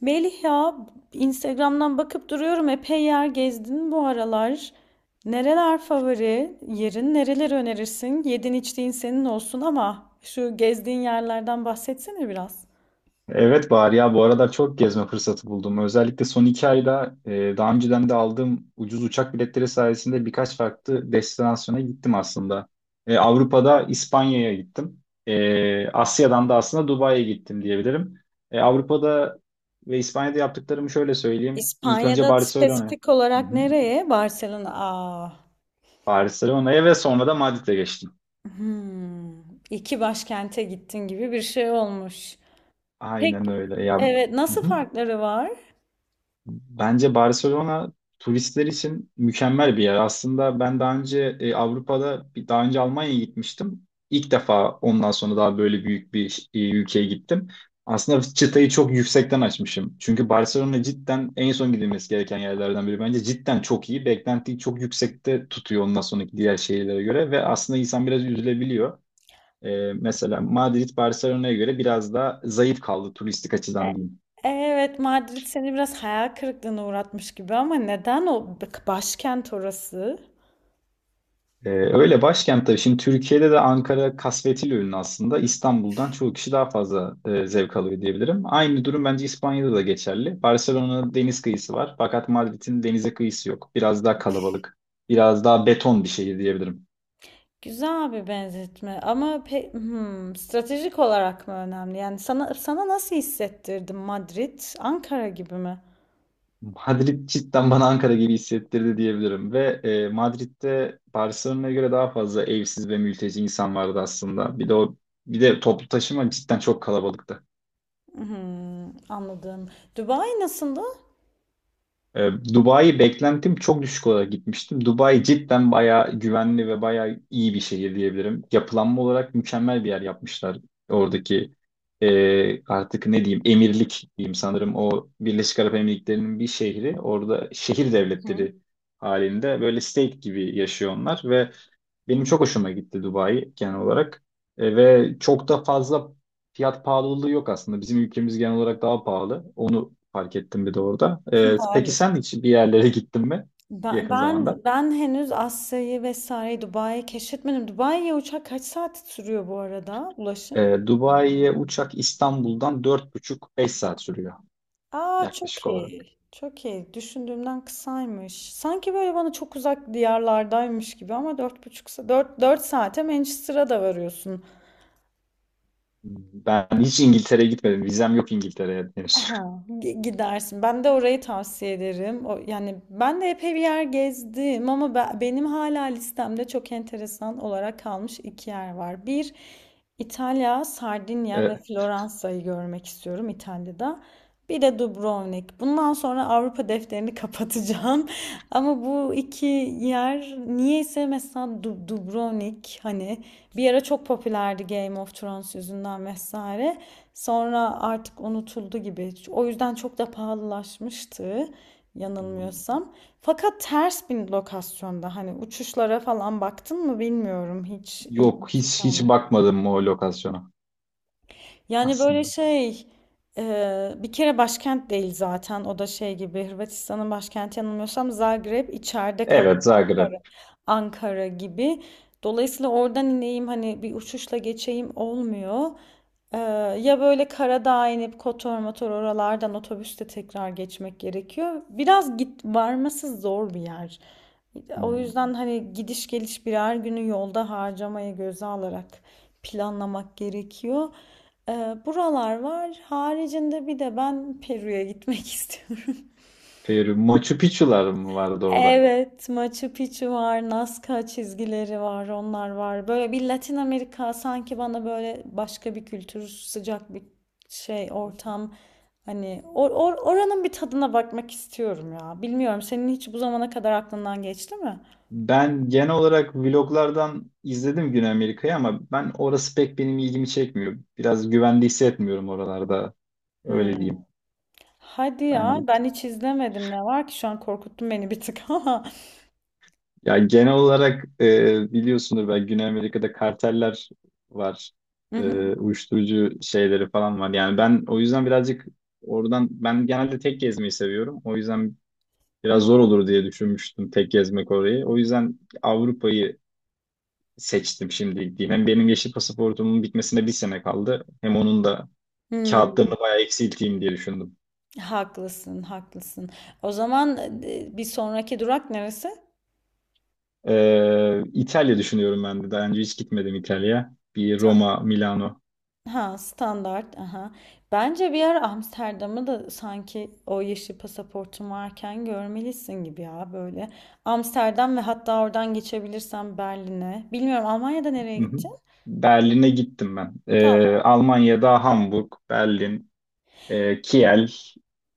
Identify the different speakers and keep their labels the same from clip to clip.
Speaker 1: Melih ya, Instagram'dan bakıp duruyorum, epey yer gezdin bu aralar. Nereler favori yerin? Nereleri önerirsin? Yedin içtiğin senin olsun ama şu gezdiğin yerlerden bahsetsene biraz.
Speaker 2: Evet Bahar ya bu aralar çok gezme fırsatı buldum. Özellikle son 2 ayda daha önceden de aldığım ucuz uçak biletleri sayesinde birkaç farklı destinasyona gittim aslında. Avrupa'da İspanya'ya gittim. Asya'dan da aslında Dubai'ye gittim diyebilirim. Avrupa'da ve İspanya'da yaptıklarımı şöyle söyleyeyim. İlk önce
Speaker 1: İspanya'da
Speaker 2: Barcelona.
Speaker 1: spesifik
Speaker 2: Hı
Speaker 1: olarak
Speaker 2: hı.
Speaker 1: nereye? Barcelona. Aa.
Speaker 2: Barcelona'ya ve sonra da Madrid'e geçtim.
Speaker 1: Hmm. İki başkente gittin gibi bir şey olmuş.
Speaker 2: Aynen
Speaker 1: Peki,
Speaker 2: öyle ya.
Speaker 1: evet,
Speaker 2: Hı
Speaker 1: nasıl
Speaker 2: hı.
Speaker 1: farkları var?
Speaker 2: Bence Barcelona turistler için mükemmel bir yer. Aslında ben daha önce e, Avrupa'da bir- daha önce Almanya'ya gitmiştim. İlk defa ondan sonra daha böyle büyük bir ülkeye gittim. Aslında çıtayı çok yüksekten açmışım. Çünkü Barcelona cidden en son gidilmesi gereken yerlerden biri. Bence cidden çok iyi. Beklentiyi çok yüksekte tutuyor ondan sonraki diğer şehirlere göre ve aslında insan biraz üzülebiliyor. Mesela Madrid Barcelona'ya göre biraz daha zayıf kaldı turistik açıdan diyeyim.
Speaker 1: Evet, Madrid seni biraz hayal kırıklığına uğratmış gibi ama neden o başkent orası?
Speaker 2: Öyle başkent tabii. Şimdi Türkiye'de de Ankara kasvetiyle ünlü aslında. İstanbul'dan çoğu kişi daha fazla zevk alıyor diyebilirim. Aynı durum bence İspanya'da da geçerli. Barcelona'nın deniz kıyısı var. Fakat Madrid'in denize kıyısı yok. Biraz daha kalabalık. Biraz daha beton bir şehir diyebilirim.
Speaker 1: Güzel bir benzetme ama stratejik olarak mı önemli? Yani sana nasıl hissettirdi Madrid? Ankara gibi mi?
Speaker 2: Madrid cidden bana Ankara gibi hissettirdi diyebilirim. Ve Madrid'de Barcelona'ya göre daha fazla evsiz ve mülteci insan vardı aslında. Bir de toplu taşıma cidden çok kalabalıktı.
Speaker 1: Hmm, anladım. Dubai nasıldı?
Speaker 2: Dubai beklentim çok düşük olarak gitmiştim. Dubai cidden bayağı güvenli ve bayağı iyi bir şehir diyebilirim. Yapılanma olarak mükemmel bir yer yapmışlar. Oradaki artık ne diyeyim emirlik diyeyim sanırım o Birleşik Arap Emirlikleri'nin bir şehri. Orada şehir
Speaker 1: Hı.
Speaker 2: devletleri halinde böyle state gibi yaşıyor onlar ve benim çok hoşuma gitti Dubai genel olarak. Ve çok da fazla fiyat pahalılığı yok aslında. Bizim ülkemiz genel olarak daha pahalı. Onu fark ettim bir de orada. Peki sen
Speaker 1: Maalesef.
Speaker 2: hiç bir yerlere gittin mi
Speaker 1: Ben,
Speaker 2: yakın
Speaker 1: ben
Speaker 2: zamanda?
Speaker 1: ben henüz Asya'yı vesaire Dubai'yi keşfetmedim. Dubai'ye uçak kaç saat sürüyor bu arada, ulaşım?
Speaker 2: Dubai'ye uçak İstanbul'dan 4,5-5 saat sürüyor
Speaker 1: Aa, çok
Speaker 2: yaklaşık olarak.
Speaker 1: iyi. Çok iyi. Düşündüğümden kısaymış. Sanki böyle bana çok uzak diyarlardaymış gibi ama dört buçuk saat, dört saate Manchester'a da varıyorsun.
Speaker 2: Ben hiç İngiltere'ye gitmedim. Vizem yok İngiltere'ye henüz.
Speaker 1: Aha, gidersin. Ben de orayı tavsiye ederim. O, yani ben de epey bir yer gezdim ama benim hala listemde çok enteresan olarak kalmış iki yer var. Bir, İtalya, Sardinya ve
Speaker 2: E,
Speaker 1: Floransa'yı görmek istiyorum İtalya'da. Bir de Dubrovnik. Bundan sonra Avrupa defterini kapatacağım. Ama bu iki yer niyeyse, mesela Dubrovnik, hani bir ara çok popülerdi Game of Thrones yüzünden vesaire. Sonra artık unutuldu gibi. O yüzden çok da pahalılaşmıştı
Speaker 2: Hmm,
Speaker 1: yanılmıyorsam. Fakat ters bir lokasyonda, hani uçuşlara falan baktın mı bilmiyorum. Hiç
Speaker 2: yok
Speaker 1: ilgimi
Speaker 2: hiç
Speaker 1: çeken,
Speaker 2: hiç bakmadım o lokasyona
Speaker 1: yani böyle
Speaker 2: aslında.
Speaker 1: şey, bir kere başkent değil zaten, o da şey gibi, Hırvatistan'ın başkenti yanılmıyorsam Zagreb, içeride kalıyor
Speaker 2: Evet Zagreb.
Speaker 1: Ankara gibi. Dolayısıyla oradan ineyim hani bir uçuşla geçeyim olmuyor. Ee, ya böyle Karadağ'a inip Kotor motor oralardan otobüste tekrar geçmek gerekiyor. Biraz varması zor bir yer. O
Speaker 2: Hmm.
Speaker 1: yüzden hani gidiş geliş birer günü yolda harcamayı göze alarak planlamak gerekiyor. Buralar var. Haricinde bir de ben Peru'ya gitmek istiyorum.
Speaker 2: Peru. Machu Picchu'lar mı vardı orada?
Speaker 1: Evet, Machu Picchu var, Nazca çizgileri var, onlar var. Böyle bir Latin Amerika sanki bana böyle başka bir kültür, sıcak bir şey, ortam. Hani oranın bir tadına bakmak istiyorum ya. Bilmiyorum, senin hiç bu zamana kadar aklından geçti mi?
Speaker 2: Ben genel olarak vloglardan izledim Güney Amerika'yı ama ben orası pek benim ilgimi çekmiyor. Biraz güvende hissetmiyorum oralarda. Öyle
Speaker 1: Hmm.
Speaker 2: diyeyim
Speaker 1: Hadi ya,
Speaker 2: bence.
Speaker 1: ben hiç izlemedim. Ne var ki şu an korkuttun beni bir tık ama.
Speaker 2: Ya genel olarak biliyorsunuz ben Güney Amerika'da karteller var.
Speaker 1: Hı
Speaker 2: E,
Speaker 1: hı.
Speaker 2: uyuşturucu şeyleri falan var. Yani ben o yüzden birazcık oradan ben genelde tek gezmeyi seviyorum. O yüzden biraz
Speaker 1: Hı.
Speaker 2: zor olur diye düşünmüştüm tek gezmek orayı. O yüzden Avrupa'yı seçtim şimdi gideyim. Hem benim yeşil pasaportumun bitmesine bir sene kaldı. Hem onun da
Speaker 1: Hmm.
Speaker 2: kağıtlarını bayağı eksilteyim diye düşündüm.
Speaker 1: Haklısın, haklısın. O zaman bir sonraki durak neresi?
Speaker 2: İtalya düşünüyorum ben de. Daha önce hiç gitmedim İtalya'ya. Bir
Speaker 1: Ta-
Speaker 2: Roma, Milano.
Speaker 1: ha, standart. Aha. Bence bir ara Amsterdam'ı da sanki o yeşil pasaportun varken görmelisin gibi ya, böyle. Amsterdam ve hatta oradan geçebilirsen Berlin'e. Bilmiyorum, Almanya'da nereye
Speaker 2: Hı hı.
Speaker 1: gideceksin?
Speaker 2: Berlin'e gittim ben.
Speaker 1: Tamam.
Speaker 2: Almanya'da Hamburg, Berlin, Kiel.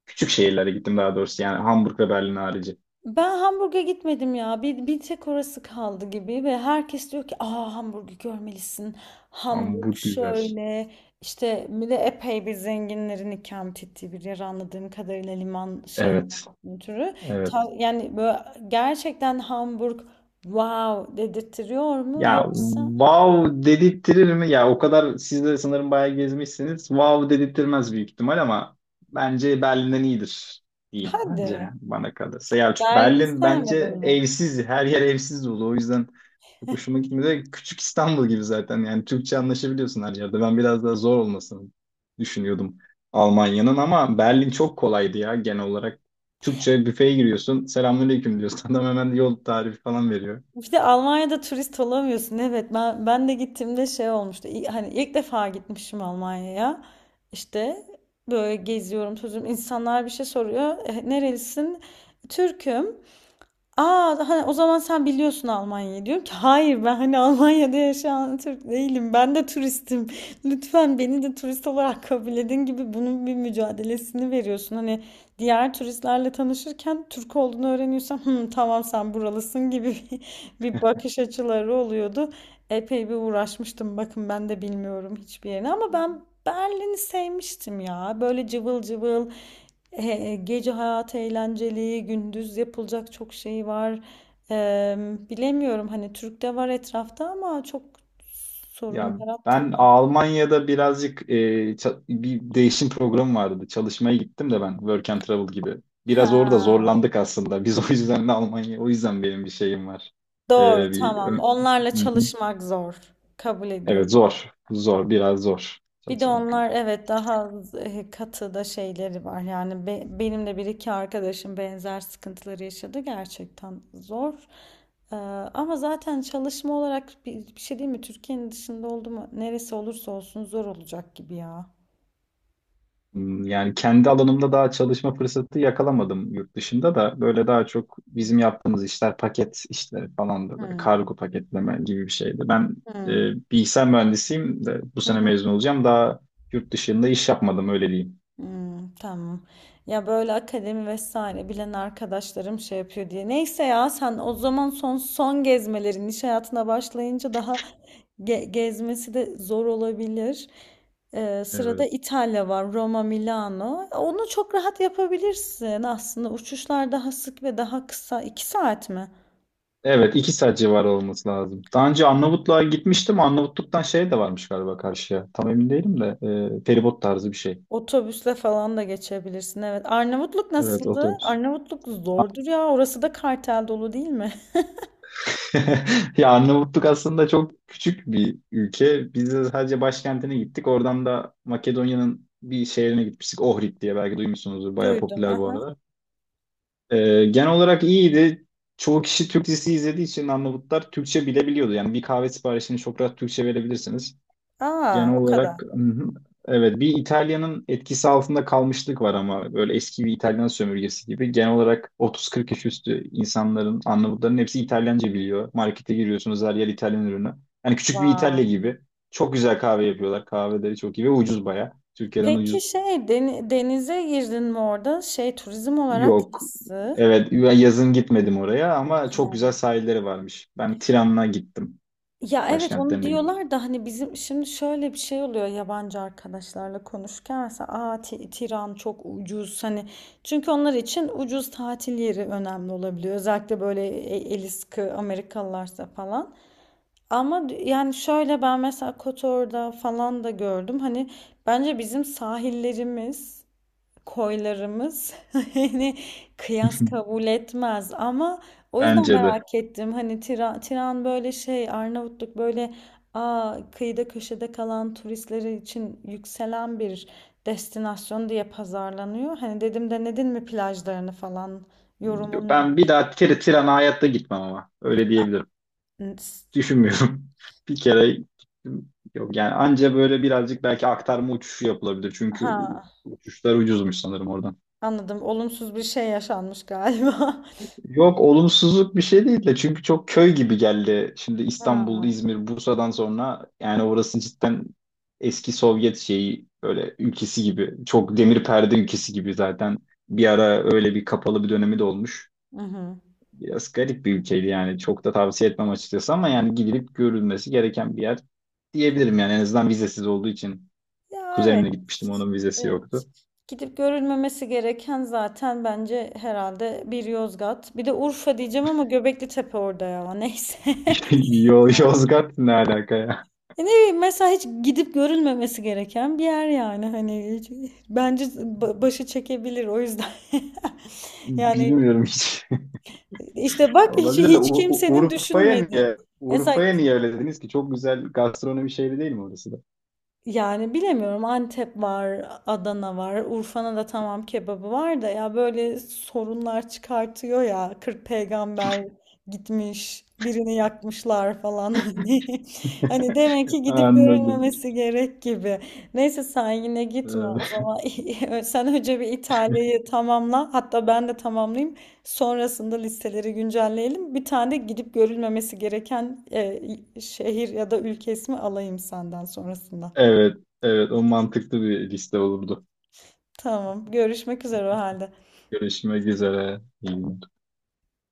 Speaker 2: Küçük şehirlere gittim daha doğrusu. Yani Hamburg ve Berlin harici.
Speaker 1: Ben Hamburg'a gitmedim ya. Bir tek orası kaldı gibi ve herkes diyor ki aa, Hamburg'u görmelisin. Hamburg
Speaker 2: Hamburg güzel.
Speaker 1: şöyle işte, bir de epey bir zenginlerin ikamet ettiği bir yer anladığım kadarıyla, liman
Speaker 2: Evet,
Speaker 1: şehrinden türü.
Speaker 2: evet.
Speaker 1: Yani böyle gerçekten Hamburg wow dedirtiyor mu
Speaker 2: Ya
Speaker 1: yoksa?
Speaker 2: wow dedirttirir mi? Ya o kadar siz de sanırım bayağı gezmişsiniz. Wow dedirttirmez büyük ihtimal ama bence Berlin'den iyidir diyeyim bence
Speaker 1: Hadi,
Speaker 2: yani bana kalırsa. Ya çünkü
Speaker 1: Berlin'i
Speaker 2: Berlin
Speaker 1: sevmedin
Speaker 2: bence
Speaker 1: mi?
Speaker 2: evsiz, her yer evsiz dolu. O yüzden çok hoşuma gitmedi. Küçük İstanbul gibi zaten yani Türkçe anlaşabiliyorsun her yerde. Ben biraz daha zor olmasını düşünüyordum Almanya'nın ama Berlin çok kolaydı ya genel olarak. Türkçe büfeye giriyorsun. Selamünaleyküm diyorsun. Adam hemen yol tarifi falan veriyor.
Speaker 1: Bir de Almanya'da turist olamıyorsun. Evet, ben de gittiğimde şey olmuştu. Hani ilk defa gitmişim Almanya'ya. İşte böyle geziyorum sözüm. İnsanlar bir şey soruyor. "E, nerelisin? Türk'üm. Aa, hani o zaman sen biliyorsun Almanya'yı." Diyorum ki hayır, ben hani Almanya'da yaşayan Türk değilim. Ben de turistim. Lütfen beni de turist olarak kabul edin gibi bunun bir mücadelesini veriyorsun. Hani diğer turistlerle tanışırken Türk olduğunu öğreniyorsan, "Hı, tamam, sen buralısın" gibi bir bakış açıları oluyordu. Epey bir uğraşmıştım. Bakın, ben de bilmiyorum hiçbir yerini ama ben Berlin'i sevmiştim ya. Böyle cıvıl cıvıl. Gece hayatı eğlenceli, gündüz yapılacak çok şey var. E, bilemiyorum, hani Türk'te var etrafta ama çok sorun
Speaker 2: Ya
Speaker 1: yarattı
Speaker 2: ben
Speaker 1: mı?
Speaker 2: Almanya'da birazcık bir değişim programı vardı. Çalışmaya gittim de ben Work and Travel gibi.
Speaker 1: Ha,
Speaker 2: Biraz orada zorlandık aslında. Biz o yüzden de Almanya, o yüzden benim bir şeyim var. E,
Speaker 1: doğru,
Speaker 2: bir,
Speaker 1: tamam.
Speaker 2: Ö-
Speaker 1: Onlarla
Speaker 2: Hı hı.
Speaker 1: çalışmak zor. Kabul
Speaker 2: Evet
Speaker 1: ediyorum.
Speaker 2: zor, zor, biraz zor
Speaker 1: Bir de
Speaker 2: çalışmak.
Speaker 1: onlar evet daha katı da şeyleri var. Yani benim de bir iki arkadaşım benzer sıkıntıları yaşadı. Gerçekten zor. Ee, ama zaten çalışma olarak bir şey değil mi? Türkiye'nin dışında oldu mu, neresi olursa olsun zor olacak gibi ya.
Speaker 2: Yani kendi alanımda daha çalışma fırsatı yakalamadım yurt dışında da. Böyle daha çok bizim yaptığımız işler paket işleri falan da böyle
Speaker 1: Hmm.
Speaker 2: kargo paketleme gibi bir şeydi. Ben e, bilgisayar mühendisiyim de bu sene
Speaker 1: Hmm.
Speaker 2: mezun olacağım. Daha yurt dışında iş yapmadım öyle diyeyim.
Speaker 1: Hmm, tamam. Ya böyle akademi vesaire bilen arkadaşlarım şey yapıyor diye. Neyse ya, sen o zaman son son gezmelerin, iş hayatına başlayınca daha gezmesi de zor olabilir. Sırada
Speaker 2: Evet.
Speaker 1: İtalya var, Roma, Milano. Onu çok rahat yapabilirsin aslında. Uçuşlar daha sık ve daha kısa. İki saat mi?
Speaker 2: Evet 2 saat civarı olması lazım. Daha önce Arnavutluğa gitmiştim. Arnavutluk'tan şey de varmış galiba karşıya. Tam emin değilim de feribot tarzı bir şey.
Speaker 1: Otobüsle falan da geçebilirsin. Evet. Arnavutluk
Speaker 2: Evet
Speaker 1: nasıldı?
Speaker 2: otobüs.
Speaker 1: Arnavutluk zordur ya. Orası da kartel dolu değil mi?
Speaker 2: Ya Arnavutluk aslında çok küçük bir ülke. Biz de sadece başkentine gittik. Oradan da Makedonya'nın bir şehrine gitmiştik. Ohrid diye belki duymuşsunuzdur. Bayağı
Speaker 1: Duydum.
Speaker 2: popüler bu
Speaker 1: Aha.
Speaker 2: arada. Genel olarak iyiydi. Çoğu kişi Türk dizisi izlediği için Arnavutlar Türkçe bilebiliyordu. Yani bir kahve siparişini çok rahat Türkçe verebilirsiniz.
Speaker 1: Aa,
Speaker 2: Genel
Speaker 1: o kadar.
Speaker 2: olarak hı hı. Evet bir İtalya'nın etkisi altında kalmışlık var ama böyle eski bir İtalyan sömürgesi gibi. Genel olarak 30-40 yaş üstü insanların, Arnavutların hepsi İtalyanca biliyor. Markete giriyorsunuz her yer İtalyan ürünü. Yani küçük bir İtalya
Speaker 1: Vay.
Speaker 2: gibi. Çok güzel kahve yapıyorlar. Kahveleri çok iyi ve ucuz baya. Türkiye'den
Speaker 1: Peki,
Speaker 2: ucuz
Speaker 1: şey, denize girdin mi orada? Şey, turizm olarak
Speaker 2: yok.
Speaker 1: nasıl?
Speaker 2: Evet ben yazın gitmedim oraya ama çok güzel sahilleri varmış. Ben Tiran'a gittim.
Speaker 1: Ya evet, onu
Speaker 2: Başkentlerine gittim.
Speaker 1: diyorlar da hani bizim şimdi şöyle bir şey oluyor yabancı arkadaşlarla konuşurken, mesela aa, Tiran çok ucuz, hani çünkü onlar için ucuz tatil yeri önemli olabiliyor, özellikle böyle eli sıkı Amerikalılarsa falan. Ama yani şöyle, ben mesela Kotor'da falan da gördüm. Hani bence bizim sahillerimiz, koylarımız hani kıyas kabul etmez ama, o yüzden
Speaker 2: Bence de.
Speaker 1: merak ettim. Hani Tiran böyle şey, Arnavutluk böyle aa, kıyıda köşede kalan turistleri için yükselen bir destinasyon diye pazarlanıyor. Hani dedim, denedin mi plajlarını falan? Yorumun
Speaker 2: Ben bir
Speaker 1: nedir?
Speaker 2: daha Tiran'a hayatta gitmem ama. Öyle diyebilirim.
Speaker 1: N- s-
Speaker 2: Düşünmüyorum. Bir kere gittim. Yok yani anca böyle birazcık belki aktarma uçuşu yapılabilir. Çünkü
Speaker 1: Ha,
Speaker 2: uçuşlar ucuzmuş sanırım oradan.
Speaker 1: anladım. Olumsuz bir şey yaşanmış galiba.
Speaker 2: Yok olumsuzluk bir şey değil de çünkü çok köy gibi geldi. Şimdi İstanbul,
Speaker 1: Ha.
Speaker 2: İzmir, Bursa'dan sonra yani orası cidden eski Sovyet şeyi böyle ülkesi gibi. Çok demir perde ülkesi gibi zaten. Bir ara öyle bir kapalı bir dönemi de olmuş.
Speaker 1: Hı hı.
Speaker 2: Biraz garip bir ülkeydi yani. Çok da tavsiye etmem açıkçası ama yani gidilip görülmesi gereken bir yer diyebilirim yani. En azından vizesiz olduğu için.
Speaker 1: Ya evet.
Speaker 2: Kuzenimle gitmiştim onun vizesi
Speaker 1: Evet.
Speaker 2: yoktu.
Speaker 1: Gidip görülmemesi gereken zaten bence herhalde bir Yozgat. Bir de Urfa diyeceğim ama Göbekli Tepe orada ya. Neyse.
Speaker 2: İşte Yozgat ne alaka ya?
Speaker 1: Ne bileyim, mesela hiç gidip görülmemesi gereken bir yer, yani bence başı çekebilir o yüzden. Yani
Speaker 2: Bilmiyorum hiç.
Speaker 1: işte bak, hiç
Speaker 2: Olabilir de
Speaker 1: hiç kimsenin
Speaker 2: Urfa'ya
Speaker 1: düşünmediği.
Speaker 2: niye?
Speaker 1: Mesela,
Speaker 2: Urfa'ya niye öyle dediniz ki? Çok güzel gastronomi şehri değil mi orası da?
Speaker 1: yani bilemiyorum, Antep var, Adana var, Urfa'nın da tamam kebabı var da ya, böyle sorunlar çıkartıyor ya, 40 peygamber gitmiş, birini yakmışlar falan hani demek ki gidip
Speaker 2: Anladım.
Speaker 1: görülmemesi gerek gibi. Neyse sen yine gitme o
Speaker 2: Ee,
Speaker 1: zaman, sen önce bir İtalya'yı tamamla, hatta ben de tamamlayayım, sonrasında listeleri güncelleyelim, bir tane de gidip görülmemesi gereken şehir ya da ülke ismi alayım senden sonrasında.
Speaker 2: Evet, evet o mantıklı bir liste olurdu.
Speaker 1: Tamam. Görüşmek üzere o halde.
Speaker 2: Görüşmek üzere. İyi günler.